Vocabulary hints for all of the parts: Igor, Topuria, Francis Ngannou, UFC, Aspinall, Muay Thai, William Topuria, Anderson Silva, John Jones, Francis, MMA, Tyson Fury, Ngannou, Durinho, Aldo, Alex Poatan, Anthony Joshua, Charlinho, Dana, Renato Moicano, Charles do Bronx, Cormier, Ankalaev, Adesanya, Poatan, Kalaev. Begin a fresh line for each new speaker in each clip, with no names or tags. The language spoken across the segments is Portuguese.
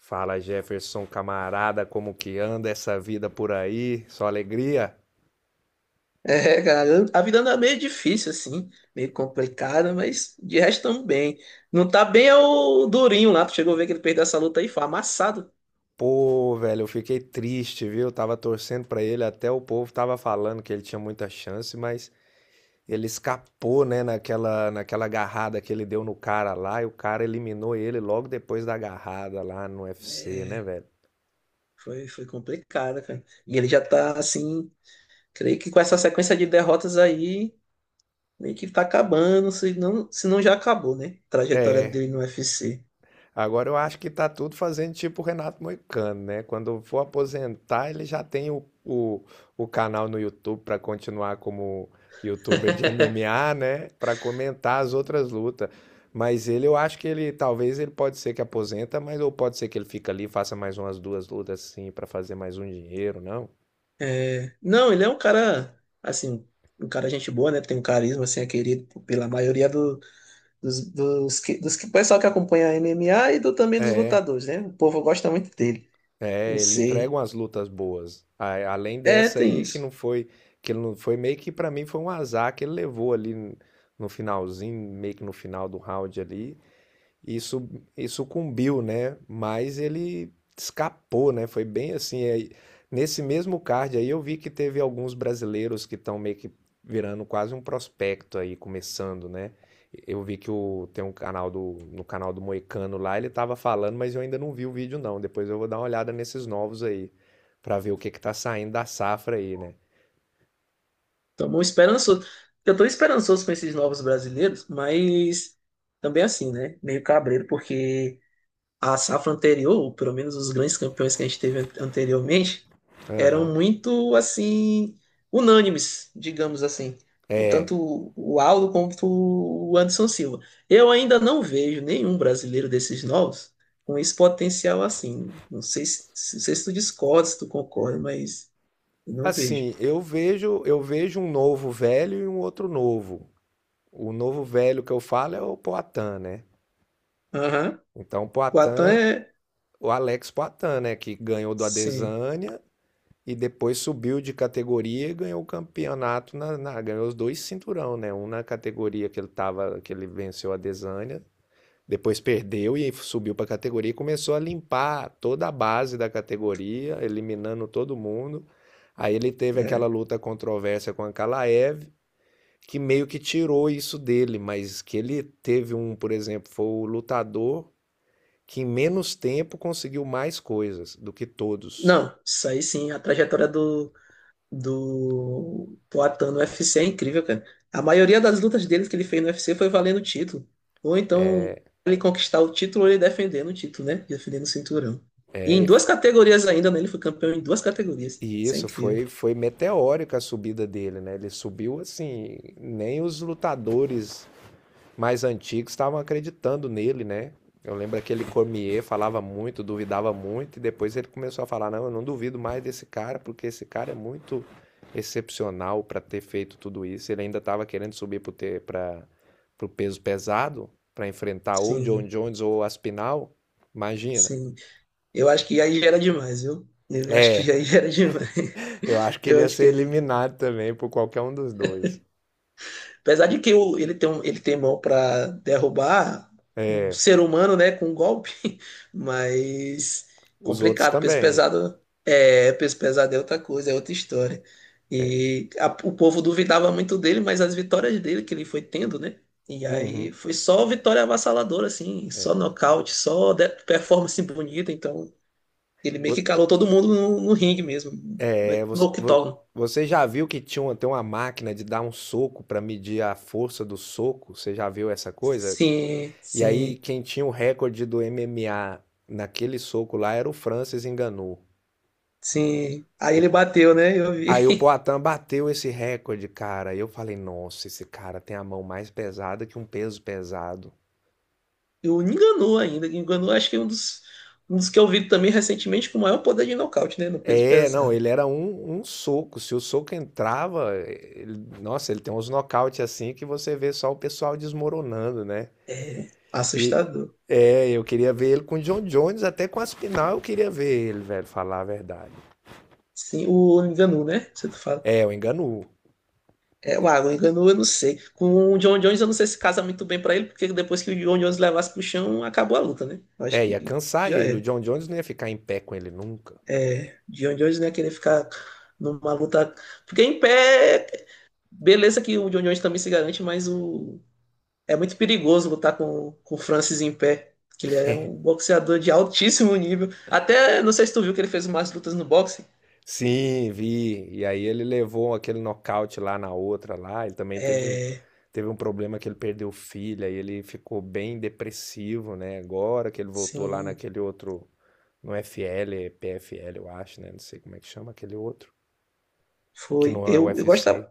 Fala, Jefferson, camarada, como que anda essa vida por aí? Só alegria?
É, cara, a vida anda meio difícil, assim, meio complicada, mas de resto tamo bem. Não tá bem é o Durinho lá, tu chegou a ver que ele perdeu essa luta aí, foi amassado.
Pô, velho, eu fiquei triste, viu? Tava torcendo pra ele, até o povo tava falando que ele tinha muita chance, mas ele escapou, né, naquela agarrada que ele deu no cara lá, e o cara eliminou ele logo depois da agarrada lá no UFC, né,
É,
velho?
foi complicado, cara. E ele já tá assim, creio que com essa sequência de derrotas aí, meio que tá acabando, se não já acabou, né? A trajetória
É.
dele no UFC.
Agora eu acho que tá tudo fazendo tipo o Renato Moicano, né? Quando for aposentar, ele já tem o canal no YouTube para continuar como youtuber de MMA, né? Para comentar as outras lutas. Mas ele, eu acho que ele, talvez ele pode ser que aposenta, mas ou pode ser que ele fica ali, e faça mais umas duas lutas assim para fazer mais um dinheiro, não?
É, não, ele é um cara, assim, um cara gente boa, né? Tem um carisma, assim, é querido pela maioria dos que pessoal que acompanha a MMA e do, também dos
É.
lutadores, né? O povo gosta muito dele. Não
É, ele entrega
sei.
umas lutas boas. Além
É,
dessa
tem
aí, que
isso.
não foi, que ele não foi, meio que pra mim foi um azar que ele levou ali no finalzinho, meio que no final do round ali. Isso, e sucumbiu, né? Mas ele escapou, né? Foi bem assim. Nesse mesmo card aí eu vi que teve alguns brasileiros que estão meio que virando quase um prospecto aí, começando, né? Eu vi que o, tem um canal do, no canal do Moicano lá, ele tava falando, mas eu ainda não vi o vídeo não. Depois eu vou dar uma olhada nesses novos aí, pra ver o que que tá saindo da safra aí, né?
Tô bom esperançoso. Eu tô esperançoso com esses novos brasileiros, mas também assim, né? Meio cabreiro, porque a safra anterior, ou pelo menos os grandes campeões que a gente teve anteriormente, eram
Aham.
muito assim unânimes, digamos assim. O
É.
tanto o Aldo quanto o Anderson Silva. Eu ainda não vejo nenhum brasileiro desses novos com esse potencial assim. Não sei se, não sei se tu discorda, se tu concorda, mas eu não vejo.
Assim, eu vejo um novo velho e um outro novo. O novo velho que eu falo é o Poatan, né?
Aham.
Então, o
O Atan
Poatan,
é.
o Alex Poatan, né? Que ganhou do
Sim.
Adesanya e depois subiu de categoria e ganhou o campeonato, ganhou os dois cinturão, né? Um na categoria que ele tava, que ele venceu a Adesanya, depois perdeu e subiu para a categoria e começou a limpar toda a base da categoria, eliminando todo mundo. Aí ele teve aquela
É.
luta controversa com a Kalaev, que meio que tirou isso dele, mas que ele teve um, por exemplo, foi o lutador que em menos tempo conseguiu mais coisas do que todos.
Não, isso aí sim, a trajetória do, do Poatan no UFC é incrível, cara. A maioria das lutas deles que ele fez no UFC foi valendo o título. Ou então, ele conquistar o título ou ele defendendo o título, né? Defendendo o cinturão. E
É, e
em
f-
duas categorias ainda, né? Ele foi campeão em duas categorias.
e
Isso é
isso
incrível.
foi, foi meteórica a subida dele, né? Ele subiu assim, nem os lutadores mais antigos estavam acreditando nele, né? Eu lembro aquele Cormier falava muito, duvidava muito, e depois ele começou a falar: não, eu não duvido mais desse cara, porque esse cara é muito excepcional para ter feito tudo isso. Ele ainda estava querendo subir para o peso pesado, para enfrentar ou John
Sim,
Jones ou Aspinall. Imagina.
sim. Eu acho que aí já era demais, viu? Eu acho que
É,
aí já era demais.
eu acho que ele
Eu
ia
acho que
ser
aí
eliminado também por qualquer um dos dois.
Apesar de que ele tem, ele tem mão para derrubar um
É,
ser humano, né, com um golpe, mas
os outros
complicado.
também.
Peso pesado é outra coisa, é outra história. E o povo duvidava muito dele, mas as vitórias dele que ele foi tendo, né? E aí
Uhum.
foi só vitória avassaladora, assim, só nocaute, performance bonita. Então ele meio que calou todo mundo no, no ringue mesmo,
É,
no
você, vo-
octógono.
Você já viu que tinha uma, tem uma máquina de dar um soco para medir a força do soco? Você já viu essa coisa?
Sim,
E aí,
sim.
quem tinha o recorde do MMA naquele soco lá era o Francis Ngannou.
Sim. Aí ele
O-
bateu, né? Eu vi.
Aí o Poatan bateu esse recorde, cara. E eu falei, nossa, esse cara tem a mão mais pesada que um peso pesado.
E o Ngannou ainda. Ngannou acho que é um dos que eu vi também recentemente com o maior poder de nocaute, né? No peso
É, não,
pesado.
ele era um, um soco. Se o soco entrava, ele- nossa, ele tem uns nocaute assim que você vê só o pessoal desmoronando, né?
É
E
assustador.
é, eu queria ver ele com o John Jones, até com Aspinal eu queria ver ele, velho, falar a verdade.
Sim, o Ngannou, né? Você tá fala.
É, o Enganu.
É, o Ngannou eu não sei. Com o John Jones eu não sei se casa muito bem pra ele, porque depois que o John Jones levasse pro chão, acabou a luta, né? Eu acho
É,
que
ia cansar
já
ele. O
era.
John Jones não ia ficar em pé com ele nunca.
É, John Jones não ia querer ficar numa luta. Porque em pé, beleza que o John Jones também se garante, mas o... É muito perigoso lutar com o Francis em pé, que ele é um boxeador de altíssimo nível. Até, não sei se tu viu que ele fez umas lutas no boxe.
Sim, vi. E aí ele levou aquele nocaute lá na outra lá. Ele também
É,
teve um problema que ele perdeu filha e ele ficou bem depressivo, né? Agora que ele voltou lá
sim,
naquele outro, no FL, é PFL, eu acho, né? Não sei como é que chama aquele outro, que
foi.
não é o
Eu
UFC.
gostava,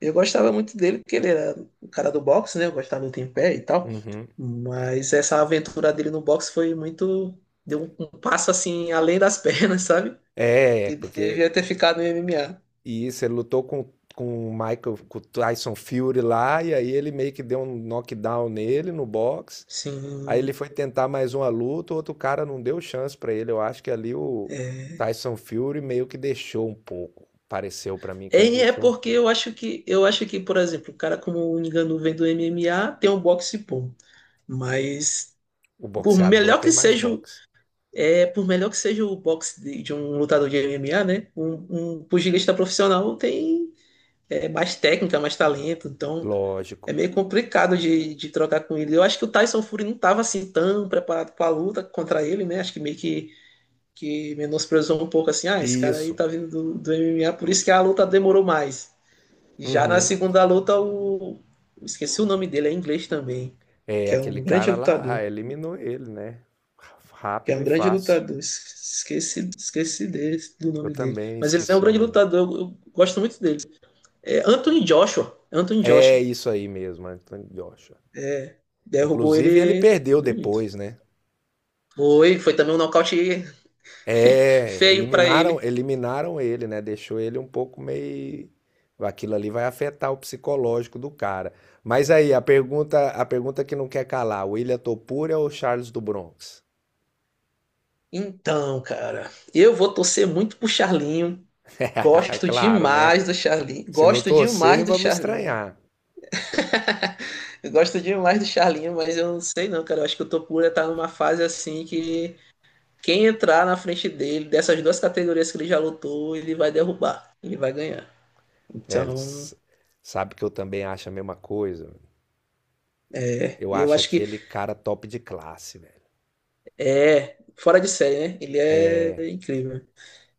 eu gostava muito dele, porque ele era o cara do boxe, né? Eu gostava de luta em pé e tal.
Uhum.
Mas essa aventura dele no boxe foi muito. Deu um, um passo assim, além das pernas, sabe?
É,
Que devia
porque
ter ficado no MMA.
e isso, ele lutou com o Michael, com o Tyson Fury lá, e aí ele meio que deu um knockdown nele no box. Aí ele
Sim.
foi tentar mais uma luta, o outro cara não deu chance pra ele. Eu acho que ali o
É.
Tyson Fury meio que deixou um pouco. Pareceu pra mim que ele
É, é
deixou um
porque
pouco.
eu acho que, por exemplo, o cara como o Ngannou vem do MMA, tem um boxe bom. Mas
O
por
boxeador
melhor
tem
que
mais
seja,
boxe.
é, por melhor que seja o boxe de um lutador de MMA, né? Um pugilista profissional tem é, mais técnica, mais talento, então é
Lógico.
meio complicado de trocar com ele. Eu acho que o Tyson Fury não estava assim tão preparado para a luta contra ele, né? Acho que meio que menosprezou um pouco assim, ah, esse cara aí
Isso.
tá vindo do, do MMA, por isso que a luta demorou mais. Já na
Uhum.
segunda luta, o... Esqueci o nome dele, é inglês também.
É,
Que é
aquele
um grande
cara lá,
lutador.
ah, eliminou ele, né?
Que é
Rápido
um
e
grande
fácil.
lutador. Esqueci, esqueci desse, do
Eu
nome dele.
também
Mas ele é um
esqueci o
grande
nome.
lutador. Eu gosto muito dele. É Anthony Joshua. Anthony
É
Joshua.
isso aí mesmo, Anthony Joshua.
Derrubou
Inclusive, ele
ele
perdeu
bonito.
depois, né?
Foi, foi também um nocaute
É,
feio pra
eliminaram,
ele.
eliminaram ele, né? Deixou ele um pouco meio. Aquilo ali vai afetar o psicológico do cara. Mas aí, a pergunta que não quer calar: William Topuria ou Charles do Bronx?
Então, cara, eu vou torcer muito pro Charlinho. Gosto
Claro, né?
demais do Charlinho.
Se não
Gosto
torcer,
demais do
vamos
Charlinho.
estranhar.
Eu gosto demais do Charlinho, mas eu não sei não, cara. Eu acho que o Topura tá numa fase assim que quem entrar na frente dele, dessas duas categorias que ele já lutou, ele vai derrubar, ele vai ganhar.
É,
Então,
s- sabe que eu também acho a mesma coisa.
é,
Eu
eu
acho
acho que
aquele cara top de classe, velho.
é fora de série, né? Ele é incrível.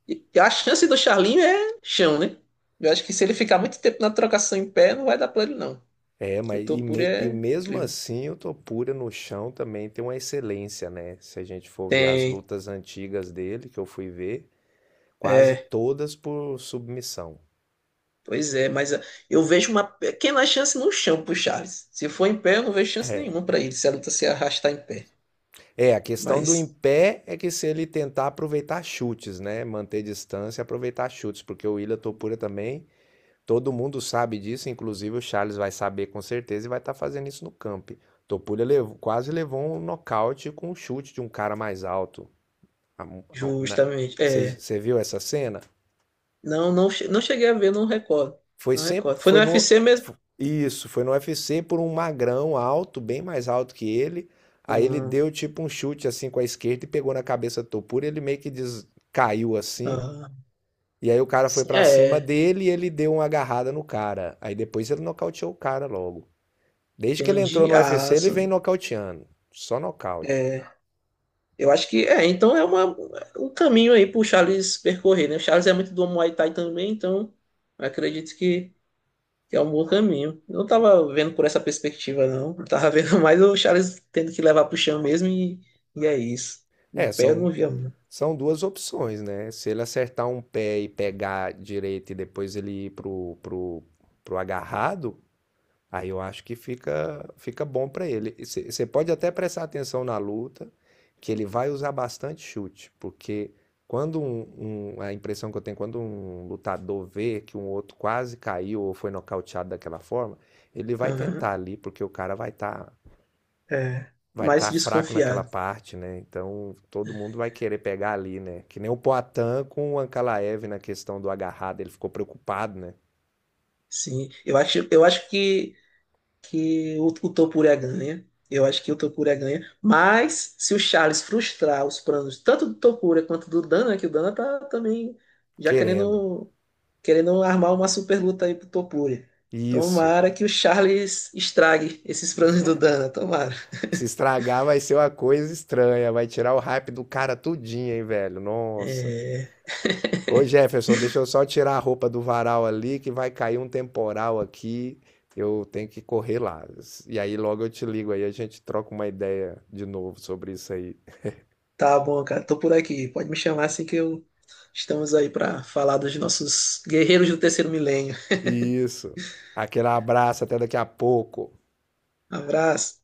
E a chance do Charlinho é chão, né? Eu acho que se ele ficar muito tempo na trocação em pé, não vai dar pra ele, não. O Topura
E
é
mesmo
incrível.
assim o Topura no chão também tem uma excelência, né? Se a gente for ver as
Tem.
lutas antigas dele, que eu fui ver, quase
É,
todas por submissão.
pois é, mas ah, eu vejo uma pequena chance no chão pro Charles. Se for em pé, eu não vejo chance
É.
nenhuma para ele, se a luta se arrastar em pé.
É, a questão do em
Mas,
pé é que se ele tentar aproveitar chutes, né? Manter distância e aproveitar chutes, porque o Ilha Topura também, todo mundo sabe disso, inclusive o Charles vai saber com certeza e vai estar fazendo isso no camp. Quase levou um nocaute com um chute de um cara mais alto. a- a- na-
justamente,
Você,
é.
você viu essa cena?
Não, não, não cheguei a ver, não recordo.
Foi
Não
sempre,
recordo. Foi no
foi no,
UFC mesmo?
fo- Isso, foi no UFC por um magrão alto, bem mais alto que ele. Aí ele
Hum,
deu tipo um chute assim com a esquerda e pegou na cabeça do Topuria, ele meio que caiu assim.
ah,
E aí o cara foi
sim,
pra cima
é,
dele e ele deu uma agarrada no cara. Aí depois ele nocauteou o cara logo. Desde que ele entrou
entendi.
no
Ah,
UFC, ele vem
sim.
nocauteando. Só nocaute.
Eu acho que é, então é uma, um caminho aí pro Charles percorrer, né? O Charles é muito do Muay Thai também, então eu acredito que... que é um bom caminho. Eu não tava vendo por essa perspectiva, não. Eu tava vendo mais o Charles tendo que levar pro chão mesmo e é isso. Em
É,
pé eu
são
não via muito.
São duas opções, né? Se ele acertar um pé e pegar direito e depois ele ir pro agarrado, aí eu acho que fica, fica bom para ele. Você pode até prestar atenção na luta, que ele vai usar bastante chute, porque quando a impressão que eu tenho, quando um lutador vê que um outro quase caiu ou foi nocauteado daquela forma, ele vai
Aham,
tentar ali, porque o cara
é.
vai
Mais
estar fraco naquela
desconfiado.
parte, né? Então todo mundo vai querer pegar ali, né? Que nem o Poatan com o Ankalaev na questão do agarrado, ele ficou preocupado, né?
Sim. Eu acho que o Topuria ganha. Eu acho que o Topuria ganha. Mas se o Charles frustrar os planos tanto do Topuria quanto do Dana, que o Dana tá também já
Querendo.
querendo querendo armar uma super luta aí pro Topuri.
Isso.
Tomara que o Charles estrague esses planos do Dana, tomara.
Se estragar vai ser uma coisa estranha, vai tirar o hype do cara tudinho, hein, velho? Nossa.
É,
Ô Jefferson, deixa eu só tirar a roupa do varal ali que vai cair um temporal aqui. Eu tenho que correr lá. E aí logo eu te ligo aí, a gente troca uma ideia de novo sobre isso aí.
tá bom, cara, tô por aqui. Pode me chamar assim que eu estamos aí pra falar dos nossos guerreiros do terceiro milênio.
Isso. Aquele abraço, até daqui a pouco.
Abraço.